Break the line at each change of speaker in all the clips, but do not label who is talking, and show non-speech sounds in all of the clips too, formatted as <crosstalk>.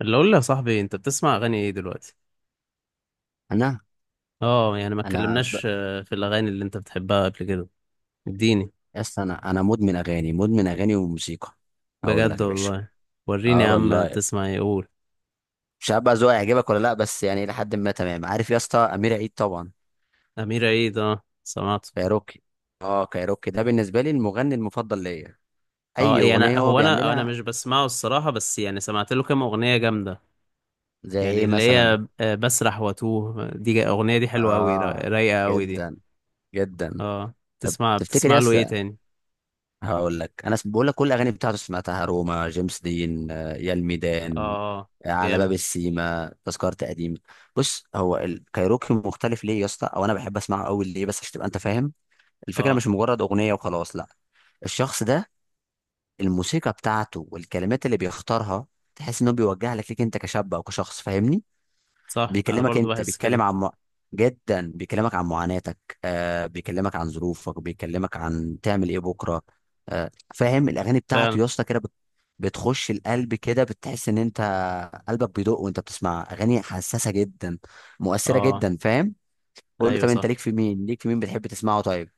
اللي اقول لك يا صاحبي، انت بتسمع اغاني ايه دلوقتي؟
انا
اه يعني ما
انا
اتكلمناش. في الاغاني اللي انت بتحبها قبل كده. اديني.
يس. انا مدمن اغاني، مدمن اغاني وموسيقى. اقول لك
بجد
يا باشا.
والله. وريني يا
اه
عم،
والله،
بتسمع ايه، قول.
مش عارف بقى ذوقي هيعجبك ولا لا، بس يعني لحد ما تمام. عارف يا اسطى، امير عيد طبعا،
امير عيد، اه سمعته.
كايروكي. اه، كايروكي ده بالنسبه لي المغني المفضل ليا،
اه
اي
يعني
اغنيه هو
هو انا
بيعملها.
مش بسمعه الصراحه، بس يعني سمعت له كام اغنيه جامده.
زي
يعني
ايه
اللي
مثلا؟
هي، بسرح واتوه دي، اغنيه دي حلوه قوي،
اه،
رايقه قوي دي.
جدا جدا.
اه،
طب
بتسمع
تفتكر
بتسمع له
يس؟
ايه تاني؟
هقول لك، انا بقول لك كل الاغاني بتاعته سمعتها: روما، جيمس دين، يا الميدان،
اه
على باب
جامد.
السيما، تذكرة قديم. بص، هو الكايروكي مختلف ليه يا اسطى، او انا بحب اسمعه قوي ليه؟ بس عشان تبقى انت فاهم الفكره،
اه
مش مجرد اغنيه وخلاص، لا. الشخص ده، الموسيقى بتاعته والكلمات اللي بيختارها، تحس انه بيوجه لك، ليك انت كشاب او كشخص، فاهمني؟
صح. انا
بيكلمك
برضو
انت،
بحس
بيتكلم
كده.
عن جدا، بيكلمك عن معاناتك، بيكلمك عن ظروفك، بيكلمك عن تعمل ايه بكره. آه، فاهم؟ الاغاني بتاعته
فعلا.
يا اسطى كده بتخش القلب كده، بتحس ان انت قلبك بيدق وانت بتسمع اغاني حساسه جدا، مؤثره
اه
جدا، فاهم؟ قول لي،
ايوه
طب انت
صح.
ليك في مين، ليك في مين بتحب تسمعه؟ طيب.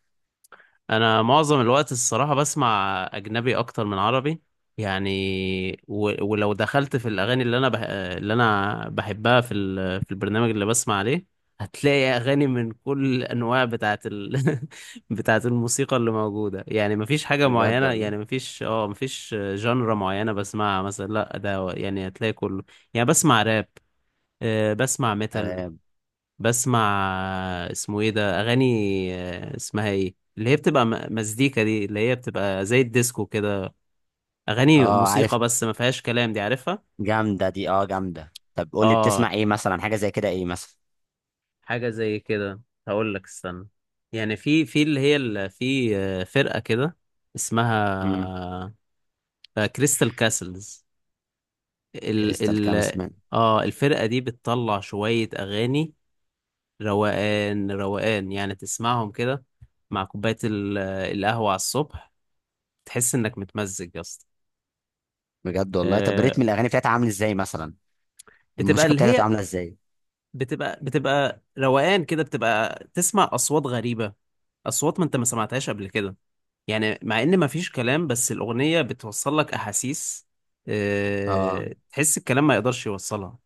انا معظم الوقت الصراحه بسمع اجنبي اكتر من عربي. يعني ولو دخلت في الاغاني اللي انا بحبها في البرنامج اللي بسمع عليه، هتلاقي اغاني من كل الانواع <laughs> بتاعه الموسيقى اللي موجوده. يعني مفيش حاجه
بجد
معينه.
والله.
يعني مفيش اه مفيش جانرا معينه بسمعها مثلا، لا ده يعني هتلاقي كله. يعني بسمع راب، بسمع ميتال.
تمام.
بسمع، اسمه ايه ده، اغاني، اسمها ايه، اللي هي بتبقى مزيكا دي، اللي هي بتبقى زي الديسكو كده. اغاني
اه عارف.
موسيقى بس ما فيهاش كلام، دي عارفها.
جامده دي، اه جامده. طب قول لي،
اه
بتسمع ايه مثلا؟ حاجه زي كده، ايه مثلا؟
حاجه زي كده، هقول لك استنى. يعني في اللي هي في فرقه كده،
امم
اسمها كريستال كاسلز. ال
كريستال كام
ال
اسمه؟
اه الفرقه دي بتطلع شويه اغاني روقان روقان، يعني تسمعهم كده مع كوبايه القهوه على الصبح، تحس انك متمزج يا اسطى.
بجد والله. طب
آه،
ريتم الاغاني بتاعتها عامل ازاي مثلا؟
بتبقى
الموسيقى
اللي
بتاعتها بتبقى
هي،
عامله ازاي؟
بتبقى روقان كده، بتبقى تسمع اصوات غريبه، اصوات ما انت ما سمعتهاش قبل كده. يعني مع ان ما فيش كلام بس الاغنيه بتوصل لك احاسيس،
اه،
تحس الكلام ما يقدرش يوصلها.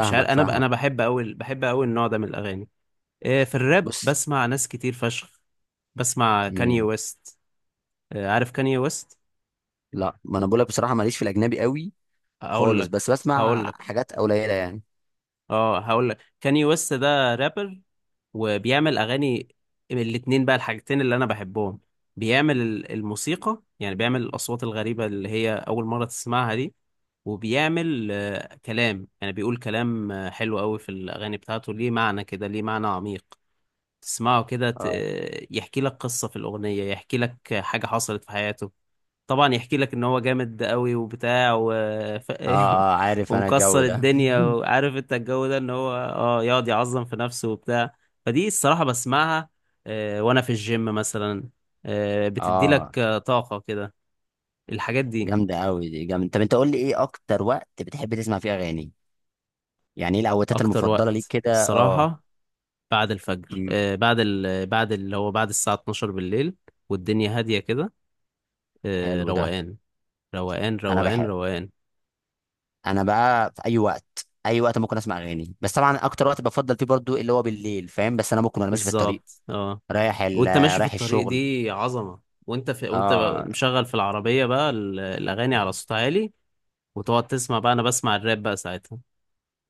مش عارف، انا
فاهمك.
بحب قوي، بحب قوي النوع ده من الاغاني. في الراب
بص،
بسمع ناس كتير فشخ. بسمع كاني
مين؟
ويست. عارف كاني ويست؟
لا، ما انا بقول لك بصراحه ماليش في الاجنبي قوي
هقول
خالص،
لك
بس
هقول
بسمع
لك
حاجات قليله يعني.
اه هقول لك، كاني ويست ده رابر وبيعمل اغاني من الاتنين بقى، الحاجتين اللي انا بحبهم. بيعمل الموسيقى، يعني بيعمل الاصوات الغريبه اللي هي اول مره تسمعها دي، وبيعمل كلام. يعني بيقول كلام حلو قوي في الاغاني بتاعته، ليه معنى كده، ليه معنى عميق. تسمعه كده
اه،
يحكي لك قصه في الاغنيه، يحكي لك حاجه حصلت في حياته. طبعا يحكي لك ان هو جامد قوي وبتاع ف...
اه، اه
<laughs>
عارف، انا الجو
ومكسر
ده.
الدنيا، وعارف انت الجو ده ان هو اه يقعد يعظم في نفسه وبتاع. فدي الصراحة بسمعها وانا في الجيم مثلا،
<laughs>
بتدي لك
اه،
طاقة كده الحاجات دي.
جامده قوي دي، جامده. طب انت قول لي، ايه اكتر وقت بتحب تسمع فيه اغاني؟ يعني ايه الاوقات
اكتر
المفضله ليك
وقت
كده؟ اه.
الصراحة بعد الفجر،
أمم،
بعد بعد اللي هو بعد الساعة 12 بالليل، والدنيا هادية كده،
حلو ده.
روقان روقان
انا
روقان
بحب.
روقان.
انا بقى في اي وقت، اي وقت ممكن اسمع اغاني، بس طبعا اكتر وقت بفضل فيه برضو اللي هو بالليل، فاهم؟ بس انا ممكن وانا ماشي في الطريق
بالظبط اه.
رايح ال...
وانت ماشي في
رايح
الطريق
الشغل.
دي عظمة، وانت وانت
اه.
مشغل في العربية بقى الأغاني على صوت عالي، وتقعد تسمع بقى. أنا بسمع الراب بقى ساعتها،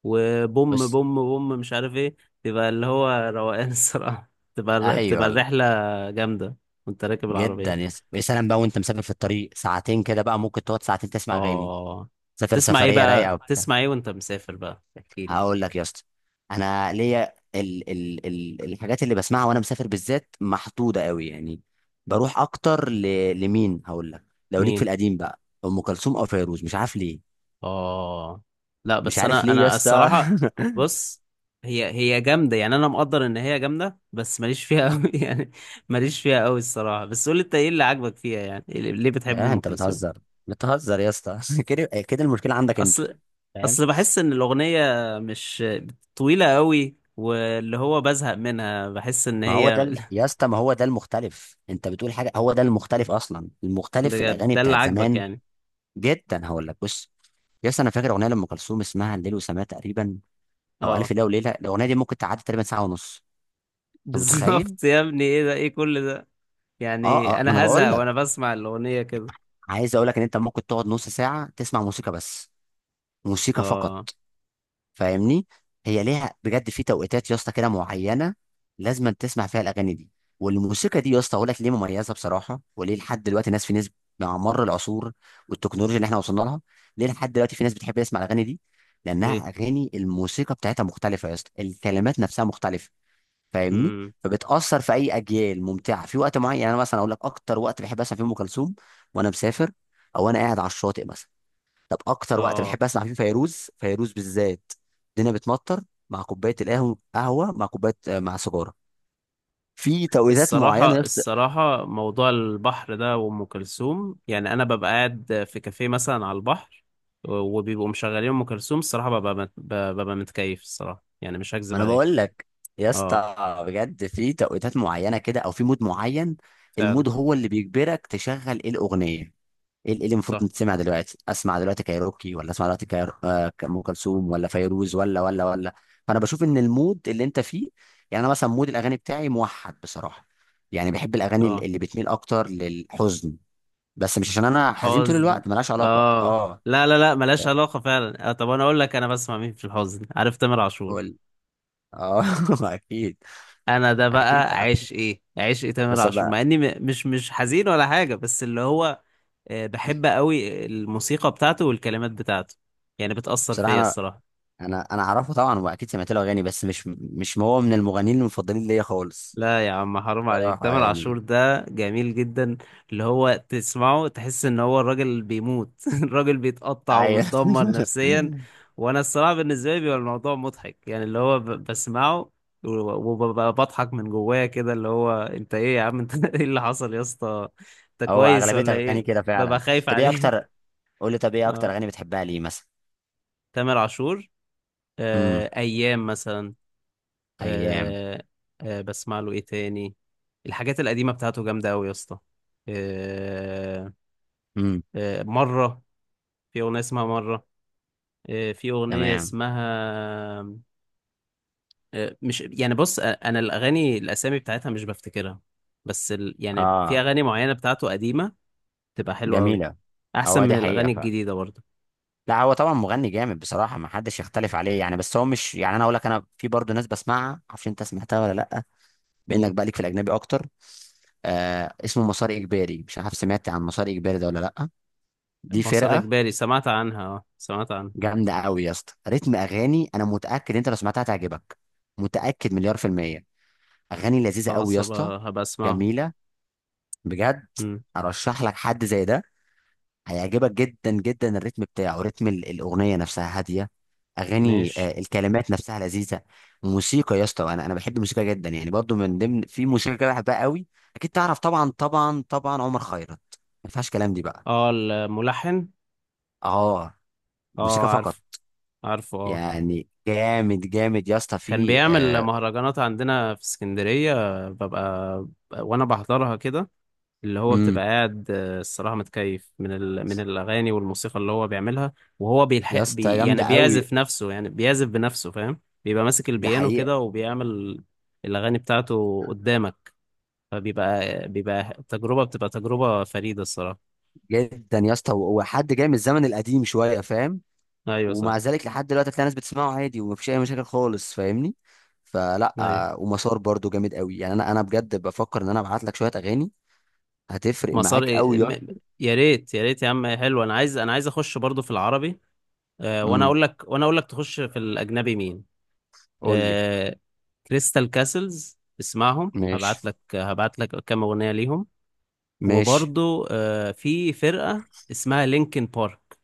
وبوم
بص.
بوم بوم مش عارف ايه، تبقى اللي هو روقان الصراحة. <laughs> تبقى بتبقى
ايوه، لا.
الرحلة جامدة وانت راكب
جدا،
العربية.
يا سلام بقى، وانت مسافر في الطريق ساعتين كده بقى ممكن تقعد ساعتين تسمع اغاني،
اه
سافر
تسمع ايه
سفريه رايقه
بقى؟
وبتاع.
تسمع ايه وانت مسافر بقى؟ احكيلي
هقول لك يا اسطى، انا ليا الحاجات اللي بسمعها وانا مسافر بالذات محدوده قوي يعني. بروح اكتر لمين هقول لك؟ لو ليك في
مين.
القديم بقى، ام كلثوم او فيروز، مش عارف ليه،
اه لا
مش
بس
عارف
انا
ليه يا
انا
اسطى.
الصراحه،
<laughs>
بص، هي جامده، يعني انا مقدر ان هي جامده بس ماليش فيها قوي <laughs> يعني. ماليش فيها قوي الصراحه، بس قول لي انت ايه اللي عاجبك فيها، يعني إيه ليه بتحب
يا
ام
انت
كلثوم؟
بتهزر، بتهزر يا اسطى، <laughs> كده كده المشكله عندك انت،
اصل
فاهم؟
اصل بحس ان الاغنيه مش طويله قوي، واللي هو بزهق منها، بحس ان
ما هو ده
هي
يا
<laughs>
اسطى، ما هو ده المختلف، انت بتقول حاجه هو ده المختلف اصلا، المختلف في
بجد
الاغاني
ده اللي
بتاعت
عاجبك
زمان.
يعني؟
جدا، هقول لك، بص يا اسطى، انا فاكر اغنيه لام كلثوم اسمها الليل وسماه تقريبا، او الف
اه
ليله وليله، الاغنيه دي ممكن تعدي تقريبا ساعه ونص،
<laughs>
انت متخيل؟
بالظبط يا ابني، ايه ده، ايه كل ده؟
اه
يعني
اه، ما انا
انا هزهق
بقول
وانا
لك،
بسمع الاغنيه كده.
عايز اقول لك ان انت ممكن تقعد نص ساعه تسمع موسيقى بس، موسيقى فقط،
اه
فاهمني؟ هي ليها بجد في توقيتات يا اسطى كده معينه لازم تسمع فيها الاغاني دي والموسيقى دي. يا اسطى اقول لك ليه مميزه بصراحه، وليه لحد دلوقتي ناس في ناس، مع مر العصور والتكنولوجيا اللي احنا وصلنا لها، ليه لحد دلوقتي في ناس بتحب تسمع الاغاني دي؟
ليه؟
لانها اغاني الموسيقى بتاعتها مختلفه يا اسطى، الكلمات نفسها مختلفه، فاهمني؟
امم
فبتاثر في اي اجيال، ممتعه في وقت معين. يعني انا مثلا اقول لك، اكتر وقت بحب اسمع فيه ام كلثوم وانا مسافر، او انا قاعد على الشاطئ مثلا. طب اكتر وقت
اه.
بحب اسمع فيه فيروز، فيروز بالذات، الدنيا بتمطر، مع كوبايه القهوه، قهوه مع كوبايه، مع سيجاره، في توقيتات معينه يا
الصراحة،
اسطى.
الصراحة موضوع البحر ده وأم كلثوم، يعني أنا ببقى قاعد في كافيه مثلا على البحر، وبيبقوا مشغلين أم كلثوم، الصراحة ببقى متكيف الصراحة، يعني مش
ما
هكذب
انا
عليك.
بقول لك يا
اه
اسطى، بجد في توقيتات معينه كده، او في مود معين.
فعلا
المود هو اللي بيجبرك تشغل ايه الاغنيه، ايه اللي المفروض
صح.
تتسمع دلوقتي. اسمع دلوقتي كايروكي، ولا اسمع دلوقتي كايرو... آه، ام كلثوم، ولا فيروز، ولا ولا ولا. فانا بشوف ان المود اللي انت فيه، يعني انا مثلا مود الاغاني بتاعي موحد بصراحه، يعني بحب الاغاني
اه
اللي بتميل اكتر للحزن، بس مش عشان انا حزين طول
حزن.
الوقت، ملهاش علاقه،
اه
اه.
لا لا لا، ملهاش
يعني،
علاقة فعلا. آه طب أنا أقول لك، أنا بسمع مين في الحزن، عارف تامر عاشور؟
قول، اه. <laughs> اكيد،
أنا ده
اكيد
بقى
عارف
عشقي، عشقي تامر
بس
عاشور مع
بقى.
إني مش حزين ولا حاجة، بس اللي هو بحب قوي الموسيقى بتاعته والكلمات بتاعته، يعني بتأثر
بصراحه
فيا
انا،
الصراحة.
انا اعرفه طبعا واكيد سمعت له اغاني، بس مش هو من المغنيين المفضلين ليا خالص،
لا يا عم، حرام عليك،
بصراحه
تامر عاشور
يعني.
ده جميل جدا. اللي هو تسمعه تحس ان هو الراجل بيموت <laughs> الراجل بيتقطع
ايوه.
ومتدمر نفسيا.
<laughs>
وانا الصراحة بالنسبة لي بيبقى الموضوع مضحك يعني، اللي هو بسمعه وببقى بضحك من جوايا كده، اللي هو انت ايه يا عم انت <laughs> ايه اللي حصل يا اسطى، انت
هو
كويس
اغلبيه
ولا
اغاني
ايه؟
كده
ببقى
فعلا.
خايف
طب ايه
عليه.
اكتر، قول لي، طب
<laughs>
ايه اكتر
اه
اغاني بتحبها ليه مثلا؟
تامر عاشور،
امم.
ايام مثلا.
ايام.
آه، آه بسمع له ايه تاني؟ الحاجات القديمة بتاعته جامدة أوي يا اسطى. آه،
امم.
آه مرة، في أغنية اسمها مرة. آه في أغنية
تمام.
اسمها، آه مش يعني، بص، أنا الأغاني الأسامي بتاعتها مش بفتكرها، بس يعني في
اه.
أغاني معينة بتاعته قديمة تبقى حلوة أوي،
جميله.
أحسن
هو
من
دي حقيقه
الأغاني
فعلا.
الجديدة برضه.
لا، هو طبعا مغني جامد بصراحه، ما حدش يختلف عليه يعني، بس هو مش يعني، انا اقول لك، انا في برضه ناس بسمعها، معرفش انت سمعتها ولا لا، بانك
مين؟
بقى ليك في الاجنبي اكتر. آه اسمه مسار اجباري، مش عارف سمعت عن مسار اجباري ده ولا لا. دي
مسار
فرقه
إجباري، سمعت عنها، اه سمعت عنها.
جامده قوي يا اسطى، رتم اغاني، انا متاكد انت لو سمعتها تعجبك، متاكد مليار في المية. اغاني لذيذه قوي يا
خلاص
اسطى،
هبقى أسمعها.
جميله بجد.
مم،
ارشح لك حد زي ده، هيعجبك جدا جدا. الريتم بتاعه، رتم الاغنيه نفسها هاديه، اغاني،
ماشي.
الكلمات نفسها لذيذه. موسيقى يا اسطى، انا بحب الموسيقى جدا يعني، برضو من ضمن في موسيقى كده بحبها قوي، اكيد تعرف طبعا، طبعا طبعا عمر خيرت، ما فيهاش كلام دي بقى.
اه الملحن.
اه.
اه
موسيقى فقط.
عارف، عارفه اه.
يعني جامد جامد يا اسطى،
كان
في
بيعمل
آه،
مهرجانات عندنا في اسكندرية، ببقى وانا بحضرها كده. اللي هو
امم
بتبقى قاعد، الصراحة متكيف من من الأغاني والموسيقى اللي هو بيعملها، وهو
يا اسطى
يعني
جامده قوي.
بيعزف نفسه، يعني بيعزف بنفسه فاهم. بيبقى ماسك
ده
البيانو
حقيقه.
كده وبيعمل الأغاني بتاعته قدامك، فبيبقى تجربة، بتبقى تجربة فريدة الصراحة.
جدا يا اسطى، هو هو حد جاي من الزمن القديم شويه، فاهم؟
أيوة صح.
ومع ذلك لحد دلوقتي هتلاقي ناس بتسمعه عادي ومفيش اي مشاكل خالص، فاهمني؟ فلا،
أيوة
ومسار برضو جامد قوي يعني، انا بجد بفكر ان انا ابعت لك شويه اغاني، هتفرق
مسار
معاك قوي يا اسطى.
يا ريت، يا ريت يا عم، حلو، أنا عايز أخش برضو في العربي. وانا
امم
اقول لك، وانا اقول لك تخش في الاجنبي مين؟
قول لي.
آه، كريستال كاسلز، اسمعهم،
ماشي
هبعت لك كام اغنيه ليهم.
ماشي،
وبرضو في فرقه اسمها لينكن بارك،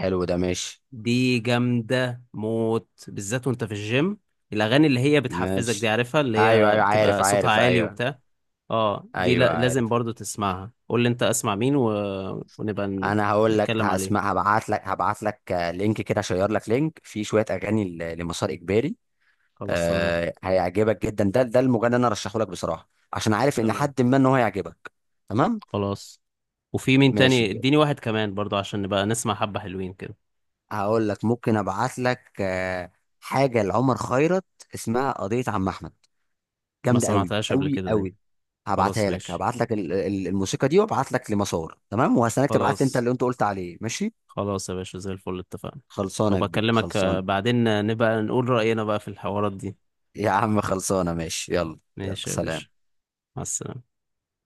حلو ده. ماشي
دي جامده موت بالذات وانت في الجيم. الاغاني اللي هي بتحفزك دي
ماشي.
عارفها، اللي
ايوه
هي
ايوه، عارف
بتبقى صوتها
عارف،
عالي
ايوه.
وبتاع. اه دي
ايوه
لا لازم
عارف.
برضو تسمعها. قول لي انت اسمع مين ونبقى
انا هقول لك،
نتكلم عليه.
هسمع، هبعت لك لينك كده اشير لك لينك فيه شويه اغاني لمسار اجباري.
خلاص تمام.
آه، هيعجبك جدا، ده المغني اللي انا ارشحه لك بصراحه، عشان عارف ان
تمام
حد ما ان هو هيعجبك. تمام.
خلاص. وفي مين
ماشي
تاني،
بجد،
اديني واحد كمان برضو عشان نبقى نسمع حبة حلوين كده.
هقول لك ممكن ابعت لك حاجه لعمر خيرت اسمها قضيه عم احمد،
ما
جامده قوي
سمعتهاش قبل
قوي
كده دي.
قوي.
خلاص
هبعتها لك،
ماشي.
هبعت لك الموسيقى دي، وابعت لك لمسار. تمام، وهستناك تبعت لي انت
خلاص.
اللي انت قلت عليه، ماشي؟
خلاص يا باشا، زي الفل، اتفقنا.
خلصانه يا كبير،
وبكلمك
خلصانه.
بعدين نبقى نقول رأينا بقى في الحوارات دي.
يا عم خلصانه، ماشي يلا. يلا
ماشي يا باشا.
سلام.
مع السلامة.